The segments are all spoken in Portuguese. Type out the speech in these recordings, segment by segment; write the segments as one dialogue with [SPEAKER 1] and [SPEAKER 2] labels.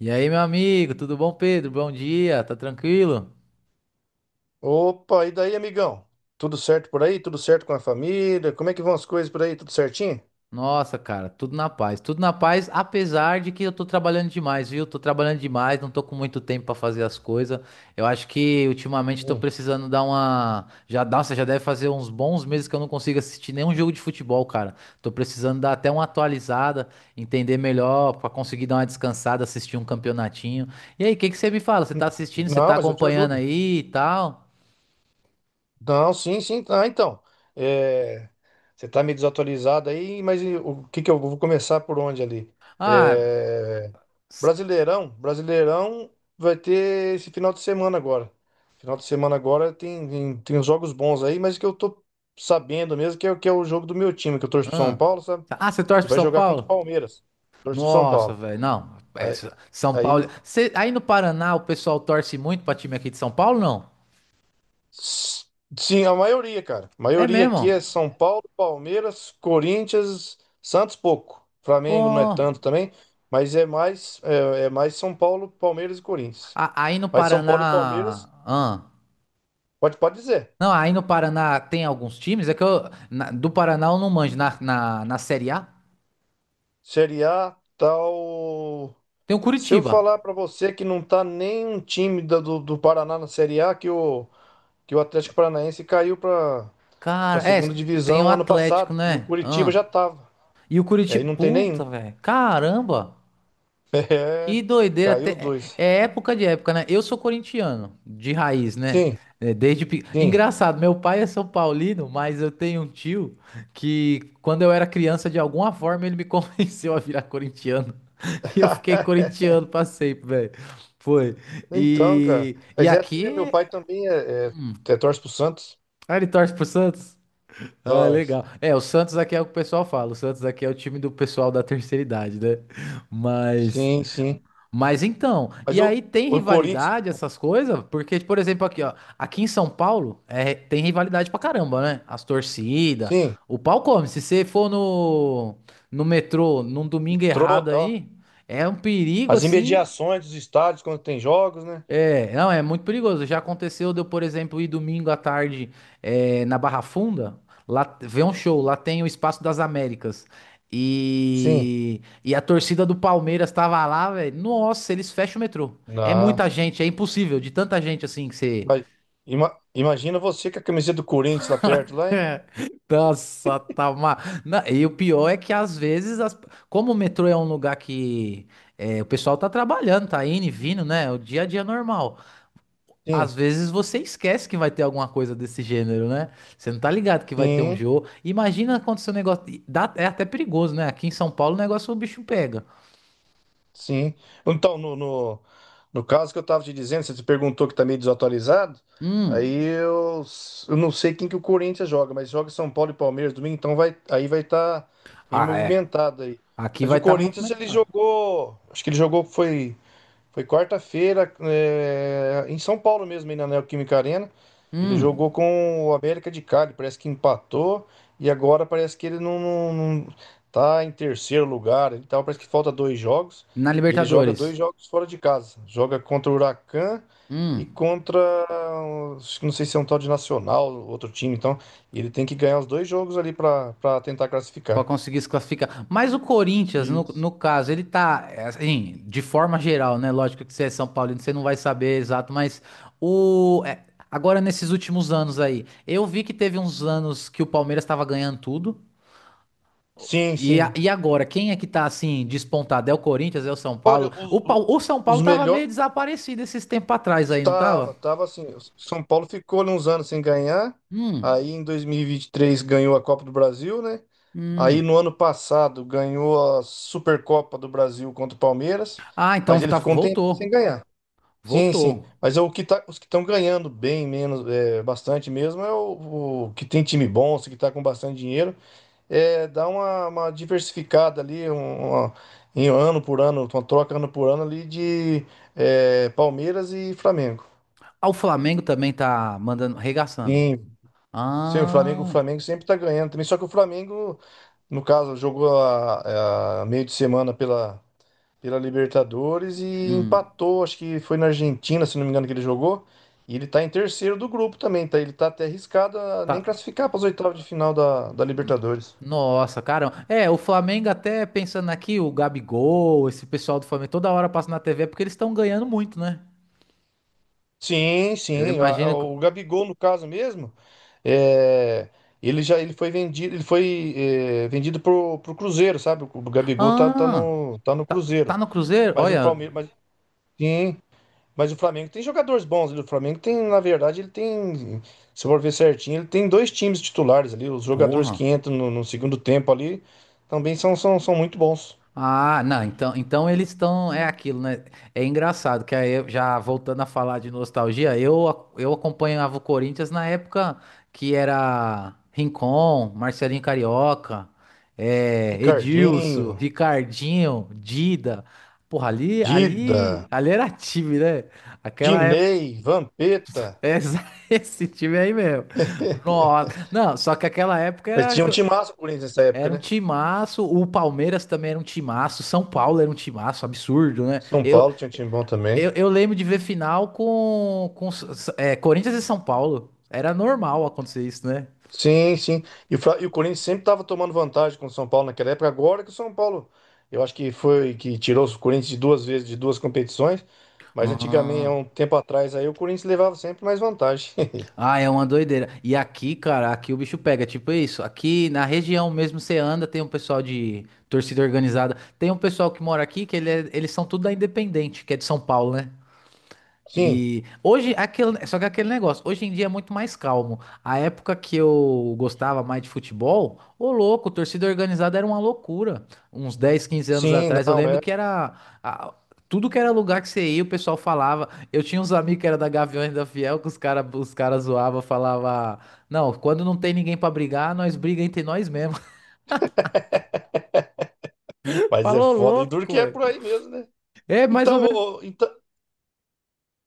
[SPEAKER 1] E aí, meu amigo, tudo bom, Pedro? Bom dia, tá tranquilo?
[SPEAKER 2] Opa, e daí, amigão? Tudo certo por aí? Tudo certo com a família? Como é que vão as coisas por aí? Tudo certinho?
[SPEAKER 1] Nossa, cara, tudo na paz, apesar de que eu tô trabalhando demais, viu? Tô trabalhando demais, não tô com muito tempo pra fazer as coisas. Eu acho que ultimamente tô
[SPEAKER 2] Sim.
[SPEAKER 1] precisando dar uma. Já, nossa, já deve fazer uns bons meses que eu não consigo assistir nenhum jogo de futebol, cara. Tô precisando dar até uma atualizada, entender melhor, pra conseguir dar uma descansada, assistir um campeonatinho. E aí, o que que você me fala? Você tá assistindo, você
[SPEAKER 2] Não,
[SPEAKER 1] tá
[SPEAKER 2] mas eu te
[SPEAKER 1] acompanhando
[SPEAKER 2] ajudo.
[SPEAKER 1] aí e tal?
[SPEAKER 2] Não, sim, sim. Ah, então. É, você tá meio desatualizado aí, mas e o que que eu vou começar por onde ali?
[SPEAKER 1] Ah.
[SPEAKER 2] É, Brasileirão vai ter esse final de semana agora. Final de semana agora tem uns jogos bons aí, mas que eu tô sabendo mesmo que é o jogo do meu time, que eu torço pro São
[SPEAKER 1] Ah,
[SPEAKER 2] Paulo, sabe?
[SPEAKER 1] ah, você torce
[SPEAKER 2] E
[SPEAKER 1] pro
[SPEAKER 2] vai
[SPEAKER 1] São
[SPEAKER 2] jogar contra o
[SPEAKER 1] Paulo?
[SPEAKER 2] Palmeiras. Torço pro São
[SPEAKER 1] Nossa,
[SPEAKER 2] Paulo.
[SPEAKER 1] velho, não. É, São
[SPEAKER 2] Aí ele.
[SPEAKER 1] Paulo. Aí no Paraná o pessoal torce muito pra time aqui de São Paulo, não?
[SPEAKER 2] Sim, a maioria, cara. A
[SPEAKER 1] É
[SPEAKER 2] maioria
[SPEAKER 1] mesmo?
[SPEAKER 2] aqui é São Paulo, Palmeiras, Corinthians, Santos pouco. Flamengo não é
[SPEAKER 1] Ô,
[SPEAKER 2] tanto também, mas é mais São Paulo, Palmeiras e Corinthians.
[SPEAKER 1] aí no
[SPEAKER 2] Mas São
[SPEAKER 1] Paraná.
[SPEAKER 2] Paulo e Palmeiras,
[SPEAKER 1] Ah,
[SPEAKER 2] pode dizer.
[SPEAKER 1] não, aí no Paraná tem alguns times. É que eu. Do Paraná eu não manjo. Na Série A
[SPEAKER 2] Série A, tal.
[SPEAKER 1] tem o
[SPEAKER 2] Se eu
[SPEAKER 1] Curitiba.
[SPEAKER 2] falar pra você que não tá nenhum time do Paraná na Série A, que o Atlético Paranaense caiu pra para
[SPEAKER 1] Cara, é.
[SPEAKER 2] segunda
[SPEAKER 1] Tem o
[SPEAKER 2] divisão ano
[SPEAKER 1] Atlético,
[SPEAKER 2] passado e o
[SPEAKER 1] né?
[SPEAKER 2] Curitiba
[SPEAKER 1] Ah,
[SPEAKER 2] já tava.
[SPEAKER 1] e o
[SPEAKER 2] Aí
[SPEAKER 1] Curitiba.
[SPEAKER 2] não tem nenhum.
[SPEAKER 1] Puta, velho. Caramba.
[SPEAKER 2] É,
[SPEAKER 1] Que doideira.
[SPEAKER 2] caiu os
[SPEAKER 1] É
[SPEAKER 2] dois.
[SPEAKER 1] é época de época, né? Eu sou corintiano, de raiz, né?
[SPEAKER 2] Sim,
[SPEAKER 1] É,
[SPEAKER 2] sim.
[SPEAKER 1] Engraçado, meu pai é São Paulino, mas eu tenho um tio que, quando eu era criança, de alguma forma ele me convenceu a virar corintiano. E eu fiquei corintiano pra sempre, velho. Foi.
[SPEAKER 2] Então, cara.
[SPEAKER 1] E
[SPEAKER 2] Mas é assim mesmo, meu
[SPEAKER 1] aqui.
[SPEAKER 2] pai também é, torce pro Santos.
[SPEAKER 1] Ah, ele torce pro Santos? Ah,
[SPEAKER 2] Torce.
[SPEAKER 1] legal. É, o Santos aqui é o que o pessoal fala. O Santos aqui é o time do pessoal da terceira idade, né? Mas.
[SPEAKER 2] Sim, sim.
[SPEAKER 1] Então,
[SPEAKER 2] Mas
[SPEAKER 1] e
[SPEAKER 2] o,
[SPEAKER 1] aí tem
[SPEAKER 2] o Corinthians,
[SPEAKER 1] rivalidade, essas coisas? Porque, por exemplo, aqui, ó, aqui em São Paulo, tem rivalidade pra caramba, né? As torcidas,
[SPEAKER 2] sim,
[SPEAKER 1] o pau come. Se você for no metrô num domingo errado
[SPEAKER 2] trota, ó.
[SPEAKER 1] aí, é um perigo
[SPEAKER 2] As
[SPEAKER 1] assim.
[SPEAKER 2] imediações dos estádios quando tem jogos, né?
[SPEAKER 1] É, não, é muito perigoso. Já aconteceu de eu, por exemplo, ir domingo à tarde na Barra Funda, lá ver um show, lá tem o Espaço das Américas.
[SPEAKER 2] Sim.
[SPEAKER 1] E a torcida do Palmeiras tava lá, velho. Nossa, eles fecham o metrô. É
[SPEAKER 2] Na.
[SPEAKER 1] muita gente, é impossível, de tanta gente assim que você.
[SPEAKER 2] Mas imagina você com a camiseta do Corinthians lá perto, lá, hein?
[SPEAKER 1] Nossa, tá uma. E o pior é que às vezes, como o metrô é um lugar que o pessoal tá trabalhando, tá indo e vindo, né? O dia a dia é normal.
[SPEAKER 2] Sim,
[SPEAKER 1] Às vezes você esquece que vai ter alguma coisa desse gênero, né? Você não tá ligado que vai ter um
[SPEAKER 2] sim.
[SPEAKER 1] jogo. Imagina quando seu negócio. É até perigoso, né? Aqui em São Paulo o negócio o bicho pega.
[SPEAKER 2] Sim. Então, no caso que eu estava te dizendo, você te perguntou que tá meio desatualizado, aí
[SPEAKER 1] Hum.
[SPEAKER 2] eu não sei quem que o Corinthians joga, mas joga São Paulo e Palmeiras domingo, então vai, aí vai estar tá bem
[SPEAKER 1] Ah, é.
[SPEAKER 2] movimentado aí.
[SPEAKER 1] Aqui
[SPEAKER 2] Mas
[SPEAKER 1] vai
[SPEAKER 2] o
[SPEAKER 1] estar
[SPEAKER 2] Corinthians, ele
[SPEAKER 1] movimentado.
[SPEAKER 2] jogou, acho que ele jogou, foi quarta-feira, é, em São Paulo mesmo, aí na Neoquímica Arena. Ele
[SPEAKER 1] Hum.
[SPEAKER 2] jogou com o América de Cali, parece que empatou. E agora parece que ele tá em terceiro lugar. Ele tá, parece que falta dois jogos.
[SPEAKER 1] Na
[SPEAKER 2] E ele joga dois
[SPEAKER 1] Libertadores.
[SPEAKER 2] jogos fora de casa. Joga contra o Huracan e
[SPEAKER 1] Hum.
[SPEAKER 2] contra, acho que não sei se é um tal de Nacional, outro time. Então, ele tem que ganhar os dois jogos ali para tentar
[SPEAKER 1] Pra
[SPEAKER 2] classificar.
[SPEAKER 1] conseguir se classificar. Mas o Corinthians, no,
[SPEAKER 2] Isso.
[SPEAKER 1] no caso, ele tá. Assim, de forma geral, né? Lógico que você é São Paulino, você não vai saber exato, mas o. Agora, nesses últimos anos aí, eu vi que teve uns anos que o Palmeiras estava ganhando tudo.
[SPEAKER 2] Sim,
[SPEAKER 1] E, a-
[SPEAKER 2] sim.
[SPEAKER 1] e agora, quem é que tá assim despontado? É o Corinthians, é o São
[SPEAKER 2] Olha,
[SPEAKER 1] Paulo?
[SPEAKER 2] os,
[SPEAKER 1] O São
[SPEAKER 2] os
[SPEAKER 1] Paulo tava meio
[SPEAKER 2] melhor,
[SPEAKER 1] desaparecido esses tempos atrás aí, não tava?
[SPEAKER 2] Estava assim. O São Paulo ficou ali uns anos sem ganhar.
[SPEAKER 1] Hum,
[SPEAKER 2] Aí em 2023 ganhou a Copa do Brasil, né? Aí
[SPEAKER 1] hum.
[SPEAKER 2] no ano passado ganhou a Supercopa do Brasil contra o Palmeiras,
[SPEAKER 1] Ah, então
[SPEAKER 2] mas ele ficou um tempo sem
[SPEAKER 1] voltou.
[SPEAKER 2] ganhar. Sim, sim.
[SPEAKER 1] Voltou.
[SPEAKER 2] Mas é o que tá, os que estão ganhando bem menos, é, bastante mesmo, é o que tem time bom, os que está com bastante dinheiro, é dá uma diversificada ali, um, uma- em ano por ano, uma troca ano por ano ali de é, Palmeiras e Flamengo.
[SPEAKER 1] Ah, o Flamengo também tá mandando, regaçando.
[SPEAKER 2] Sim, sim, o Flamengo, o
[SPEAKER 1] Ah,
[SPEAKER 2] Flamengo sempre tá ganhando também. Só que o Flamengo, no caso, jogou a meio de semana pela Libertadores e
[SPEAKER 1] hum.
[SPEAKER 2] empatou, acho que foi na Argentina, se não me engano, que ele jogou. E ele tá em terceiro do grupo também, tá? Ele tá até arriscado a nem
[SPEAKER 1] Tá.
[SPEAKER 2] classificar para as oitavas de final da Libertadores.
[SPEAKER 1] Nossa, caramba. É, o Flamengo até pensando aqui, o Gabigol, esse pessoal do Flamengo, toda hora passa na TV porque eles estão ganhando muito, né?
[SPEAKER 2] Sim,
[SPEAKER 1] Eu
[SPEAKER 2] sim.
[SPEAKER 1] imagino.
[SPEAKER 2] O Gabigol, no caso mesmo, é, ele foi vendido, ele foi é, vendido pro Cruzeiro, sabe? O Gabigol tá, tá
[SPEAKER 1] Ah,
[SPEAKER 2] no, tá no
[SPEAKER 1] tá,
[SPEAKER 2] Cruzeiro.
[SPEAKER 1] tá no Cruzeiro?
[SPEAKER 2] Mas o
[SPEAKER 1] Olha,
[SPEAKER 2] Palmeiras, sim, mas o Flamengo tem jogadores bons ali. O Flamengo tem, na verdade, ele tem, se eu for ver certinho, ele tem dois times titulares ali. Os jogadores
[SPEAKER 1] porra.
[SPEAKER 2] que entram no segundo tempo ali também são muito bons.
[SPEAKER 1] Ah, não, então eles estão, é aquilo, né? É engraçado que aí, já voltando a falar de nostalgia, eu acompanhava o Corinthians na época que era Rincon, Marcelinho Carioca, Edilson,
[SPEAKER 2] Ricardinho,
[SPEAKER 1] Ricardinho, Dida. Porra, ali, ali,
[SPEAKER 2] Dida,
[SPEAKER 1] ali era time, né? Aquela época,
[SPEAKER 2] Dinei, Vampeta.
[SPEAKER 1] essa- esse time aí mesmo. Nossa, não, só que aquela época
[SPEAKER 2] Mas tinha um timaço o Corinthians nessa época,
[SPEAKER 1] Era um
[SPEAKER 2] né?
[SPEAKER 1] timaço, o Palmeiras também era um timaço, São Paulo era um timaço, absurdo, né?
[SPEAKER 2] São
[SPEAKER 1] Eu,
[SPEAKER 2] Paulo tinha um time bom também.
[SPEAKER 1] eu, eu lembro de ver final com, com Corinthians e São Paulo. Era normal acontecer isso, né?
[SPEAKER 2] Sim, sim. E o Corinthians sempre estava tomando vantagem com o São Paulo naquela época. Agora que o São Paulo, eu acho que foi que tirou o Corinthians de duas vezes, de duas competições. Mas antigamente, há
[SPEAKER 1] Ah,
[SPEAKER 2] um tempo atrás, aí o Corinthians levava sempre mais vantagem.
[SPEAKER 1] ah, é uma doideira. E aqui, cara, aqui o bicho pega, tipo isso. Aqui na região mesmo você anda, tem um pessoal de torcida organizada. Tem um pessoal que mora aqui que eles são tudo da Independente, que é de São Paulo, né?
[SPEAKER 2] Sim,
[SPEAKER 1] E hoje, aquele, só que aquele negócio, hoje em dia é muito mais calmo. A época que eu gostava mais de futebol, ô louco, torcida organizada era uma loucura. Uns 10 quinze anos
[SPEAKER 2] sim,
[SPEAKER 1] atrás, eu
[SPEAKER 2] não
[SPEAKER 1] lembro
[SPEAKER 2] é.
[SPEAKER 1] que era a- tudo que era lugar que você ia, o pessoal falava. Eu tinha uns amigos que era da Gaviões da Fiel, que os caras os cara zoavam, falava, não, quando não tem ninguém pra brigar, nós briga entre nós mesmo.
[SPEAKER 2] Mas é
[SPEAKER 1] Falou
[SPEAKER 2] foda. E duro
[SPEAKER 1] louco,
[SPEAKER 2] que é
[SPEAKER 1] velho.
[SPEAKER 2] por aí mesmo, né?
[SPEAKER 1] É mais ou
[SPEAKER 2] Então,
[SPEAKER 1] menos.
[SPEAKER 2] ô, então,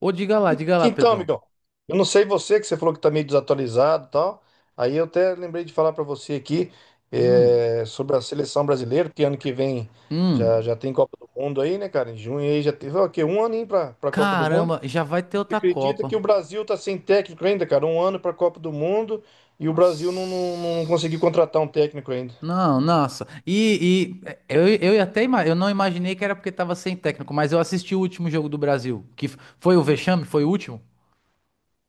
[SPEAKER 1] Ô,
[SPEAKER 2] En-
[SPEAKER 1] diga lá,
[SPEAKER 2] Então,
[SPEAKER 1] Pedrão.
[SPEAKER 2] amigão, eu não sei você, que você falou que tá meio desatualizado e tal. Aí eu até lembrei de falar pra você aqui
[SPEAKER 1] Hum,
[SPEAKER 2] é, sobre a seleção brasileira, porque ano que vem já,
[SPEAKER 1] hum.
[SPEAKER 2] já tem Copa do Mundo aí, né, cara? Em junho aí já teve, ó, o quê? Um aninho pra Copa do Mundo.
[SPEAKER 1] Caramba, já vai ter
[SPEAKER 2] Você
[SPEAKER 1] outra
[SPEAKER 2] acredita que o
[SPEAKER 1] Copa.
[SPEAKER 2] Brasil tá sem técnico ainda, cara? Um ano pra Copa do Mundo e o Brasil não conseguiu
[SPEAKER 1] Nossa.
[SPEAKER 2] contratar um técnico ainda.
[SPEAKER 1] Não, nossa. E eu não imaginei que era porque tava sem técnico, mas eu assisti o último jogo do Brasil, que foi o vexame, foi o último.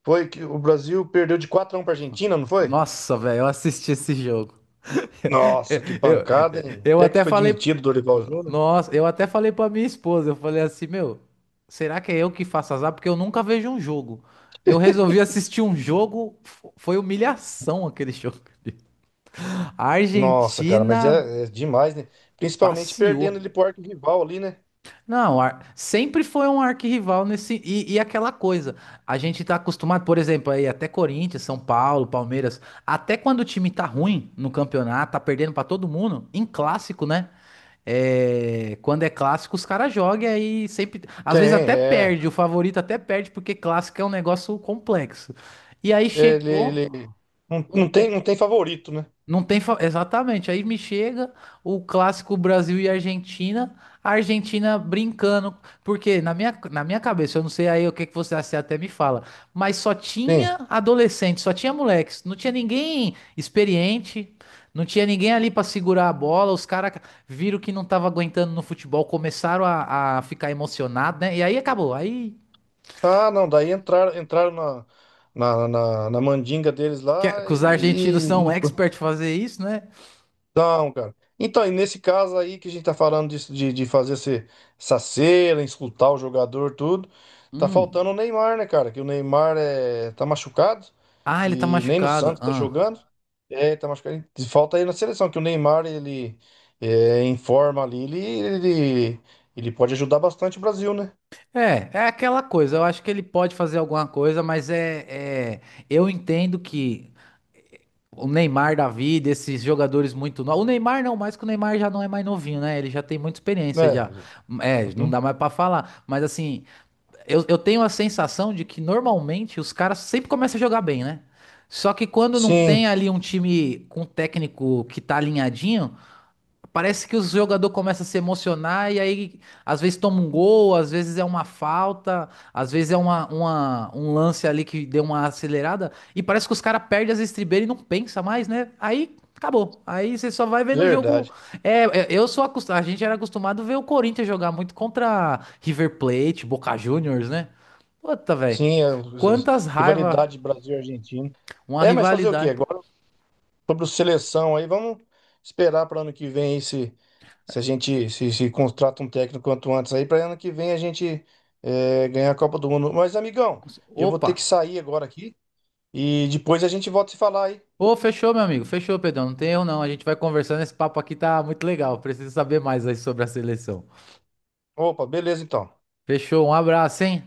[SPEAKER 2] Foi que o Brasil perdeu de 4-1 pra Argentina, não foi?
[SPEAKER 1] Nossa, velho, eu assisti esse jogo.
[SPEAKER 2] Nossa, que
[SPEAKER 1] Eu,
[SPEAKER 2] pancada, hein? O
[SPEAKER 1] eu
[SPEAKER 2] técnico
[SPEAKER 1] até
[SPEAKER 2] foi
[SPEAKER 1] falei,
[SPEAKER 2] demitido, Dorival Júnior.
[SPEAKER 1] nossa, eu até falei pra minha esposa, eu falei assim, meu, será que é eu que faço azar? Porque eu nunca vejo um jogo. Eu resolvi assistir um jogo, foi humilhação aquele jogo. A
[SPEAKER 2] Nossa, cara, mas
[SPEAKER 1] Argentina
[SPEAKER 2] é demais, né? Principalmente perdendo
[SPEAKER 1] passeou.
[SPEAKER 2] ele pro arco rival ali, né?
[SPEAKER 1] Não, sempre foi um arquirrival nesse. E aquela coisa. A gente tá acostumado, por exemplo, aí até Corinthians, São Paulo, Palmeiras. Até quando o time tá ruim no campeonato, tá perdendo pra todo mundo, em clássico, né? É, quando é clássico, os caras jogam e aí sempre. Às vezes
[SPEAKER 2] Tem,
[SPEAKER 1] até
[SPEAKER 2] é.
[SPEAKER 1] perde, o favorito até perde, porque clássico é um negócio complexo. E aí
[SPEAKER 2] Ele,
[SPEAKER 1] chegou.
[SPEAKER 2] ele não, não tem,
[SPEAKER 1] um,
[SPEAKER 2] não tem favorito, né?
[SPEAKER 1] não tem. Exatamente. Aí me chega o clássico Brasil e Argentina. A Argentina brincando. Porque na minha, cabeça, eu não sei aí o que que você até me fala. Mas só
[SPEAKER 2] Sim.
[SPEAKER 1] tinha adolescente, só tinha moleques. Não tinha ninguém experiente. Não tinha ninguém ali pra segurar a bola. Os caras viram que não tava aguentando no futebol. Começaram a ficar emocionados, né? E aí acabou. Aí.
[SPEAKER 2] Ah, não, daí entraram na mandinga deles
[SPEAKER 1] Que,
[SPEAKER 2] lá
[SPEAKER 1] que os argentinos
[SPEAKER 2] e,
[SPEAKER 1] são
[SPEAKER 2] e
[SPEAKER 1] expert fazer isso, né?
[SPEAKER 2] não, cara. Então, e nesse caso aí que a gente tá falando disso, de fazer essa cera, escutar o jogador, tudo, tá faltando
[SPEAKER 1] Hum.
[SPEAKER 2] o Neymar, né, cara? Que o Neymar é, tá machucado
[SPEAKER 1] Ah, ele tá
[SPEAKER 2] e nem no
[SPEAKER 1] machucado.
[SPEAKER 2] Santos tá
[SPEAKER 1] Ah.
[SPEAKER 2] jogando. É, tá machucado. E falta aí na seleção, que o Neymar, ele é, em forma ali, ele, ele pode ajudar bastante o Brasil, né?
[SPEAKER 1] É aquela coisa. Eu acho que ele pode fazer alguma coisa, mas eu entendo que o Neymar da vida, esses jogadores muito novos. O Neymar não, mais que o Neymar já não é mais novinho, né? Ele já tem muita experiência já.
[SPEAKER 2] Né?
[SPEAKER 1] É, não
[SPEAKER 2] Uhum.
[SPEAKER 1] dá mais pra falar. Mas assim, eu tenho a sensação de que normalmente os caras sempre começam a jogar bem, né? Só que quando não tem
[SPEAKER 2] Sim,
[SPEAKER 1] ali um time com técnico que tá alinhadinho, parece que o jogador começa a se emocionar e aí às vezes toma um gol, às vezes é uma falta, às vezes é uma, um lance ali que deu uma acelerada e parece que os caras perdem as estribeiras e não pensa mais, né? Aí acabou. Aí você só vai ver no jogo.
[SPEAKER 2] verdade.
[SPEAKER 1] É, eu sou acostumado, a gente era acostumado a ver o Corinthians jogar muito contra River Plate, Boca Juniors, né? Puta, velho.
[SPEAKER 2] Sim, a
[SPEAKER 1] Quantas raiva,
[SPEAKER 2] rivalidade Brasil-Argentina.
[SPEAKER 1] uma
[SPEAKER 2] É, mas fazer o quê?
[SPEAKER 1] rivalidade.
[SPEAKER 2] Agora, sobre o seleção aí. Vamos esperar para ano que vem aí se a gente se, se contrata um técnico quanto antes aí, para ano que vem a gente é, ganhar a Copa do Mundo. Mas, amigão, eu vou ter que
[SPEAKER 1] Opa.
[SPEAKER 2] sair agora aqui e depois a gente volta a se falar aí.
[SPEAKER 1] Ô, fechou, meu amigo. Fechou, Pedrão. Não tem erro, não. A gente vai conversando. Esse papo aqui tá muito legal. Preciso saber mais aí sobre a seleção.
[SPEAKER 2] Opa, beleza então.
[SPEAKER 1] Fechou. Um abraço, hein?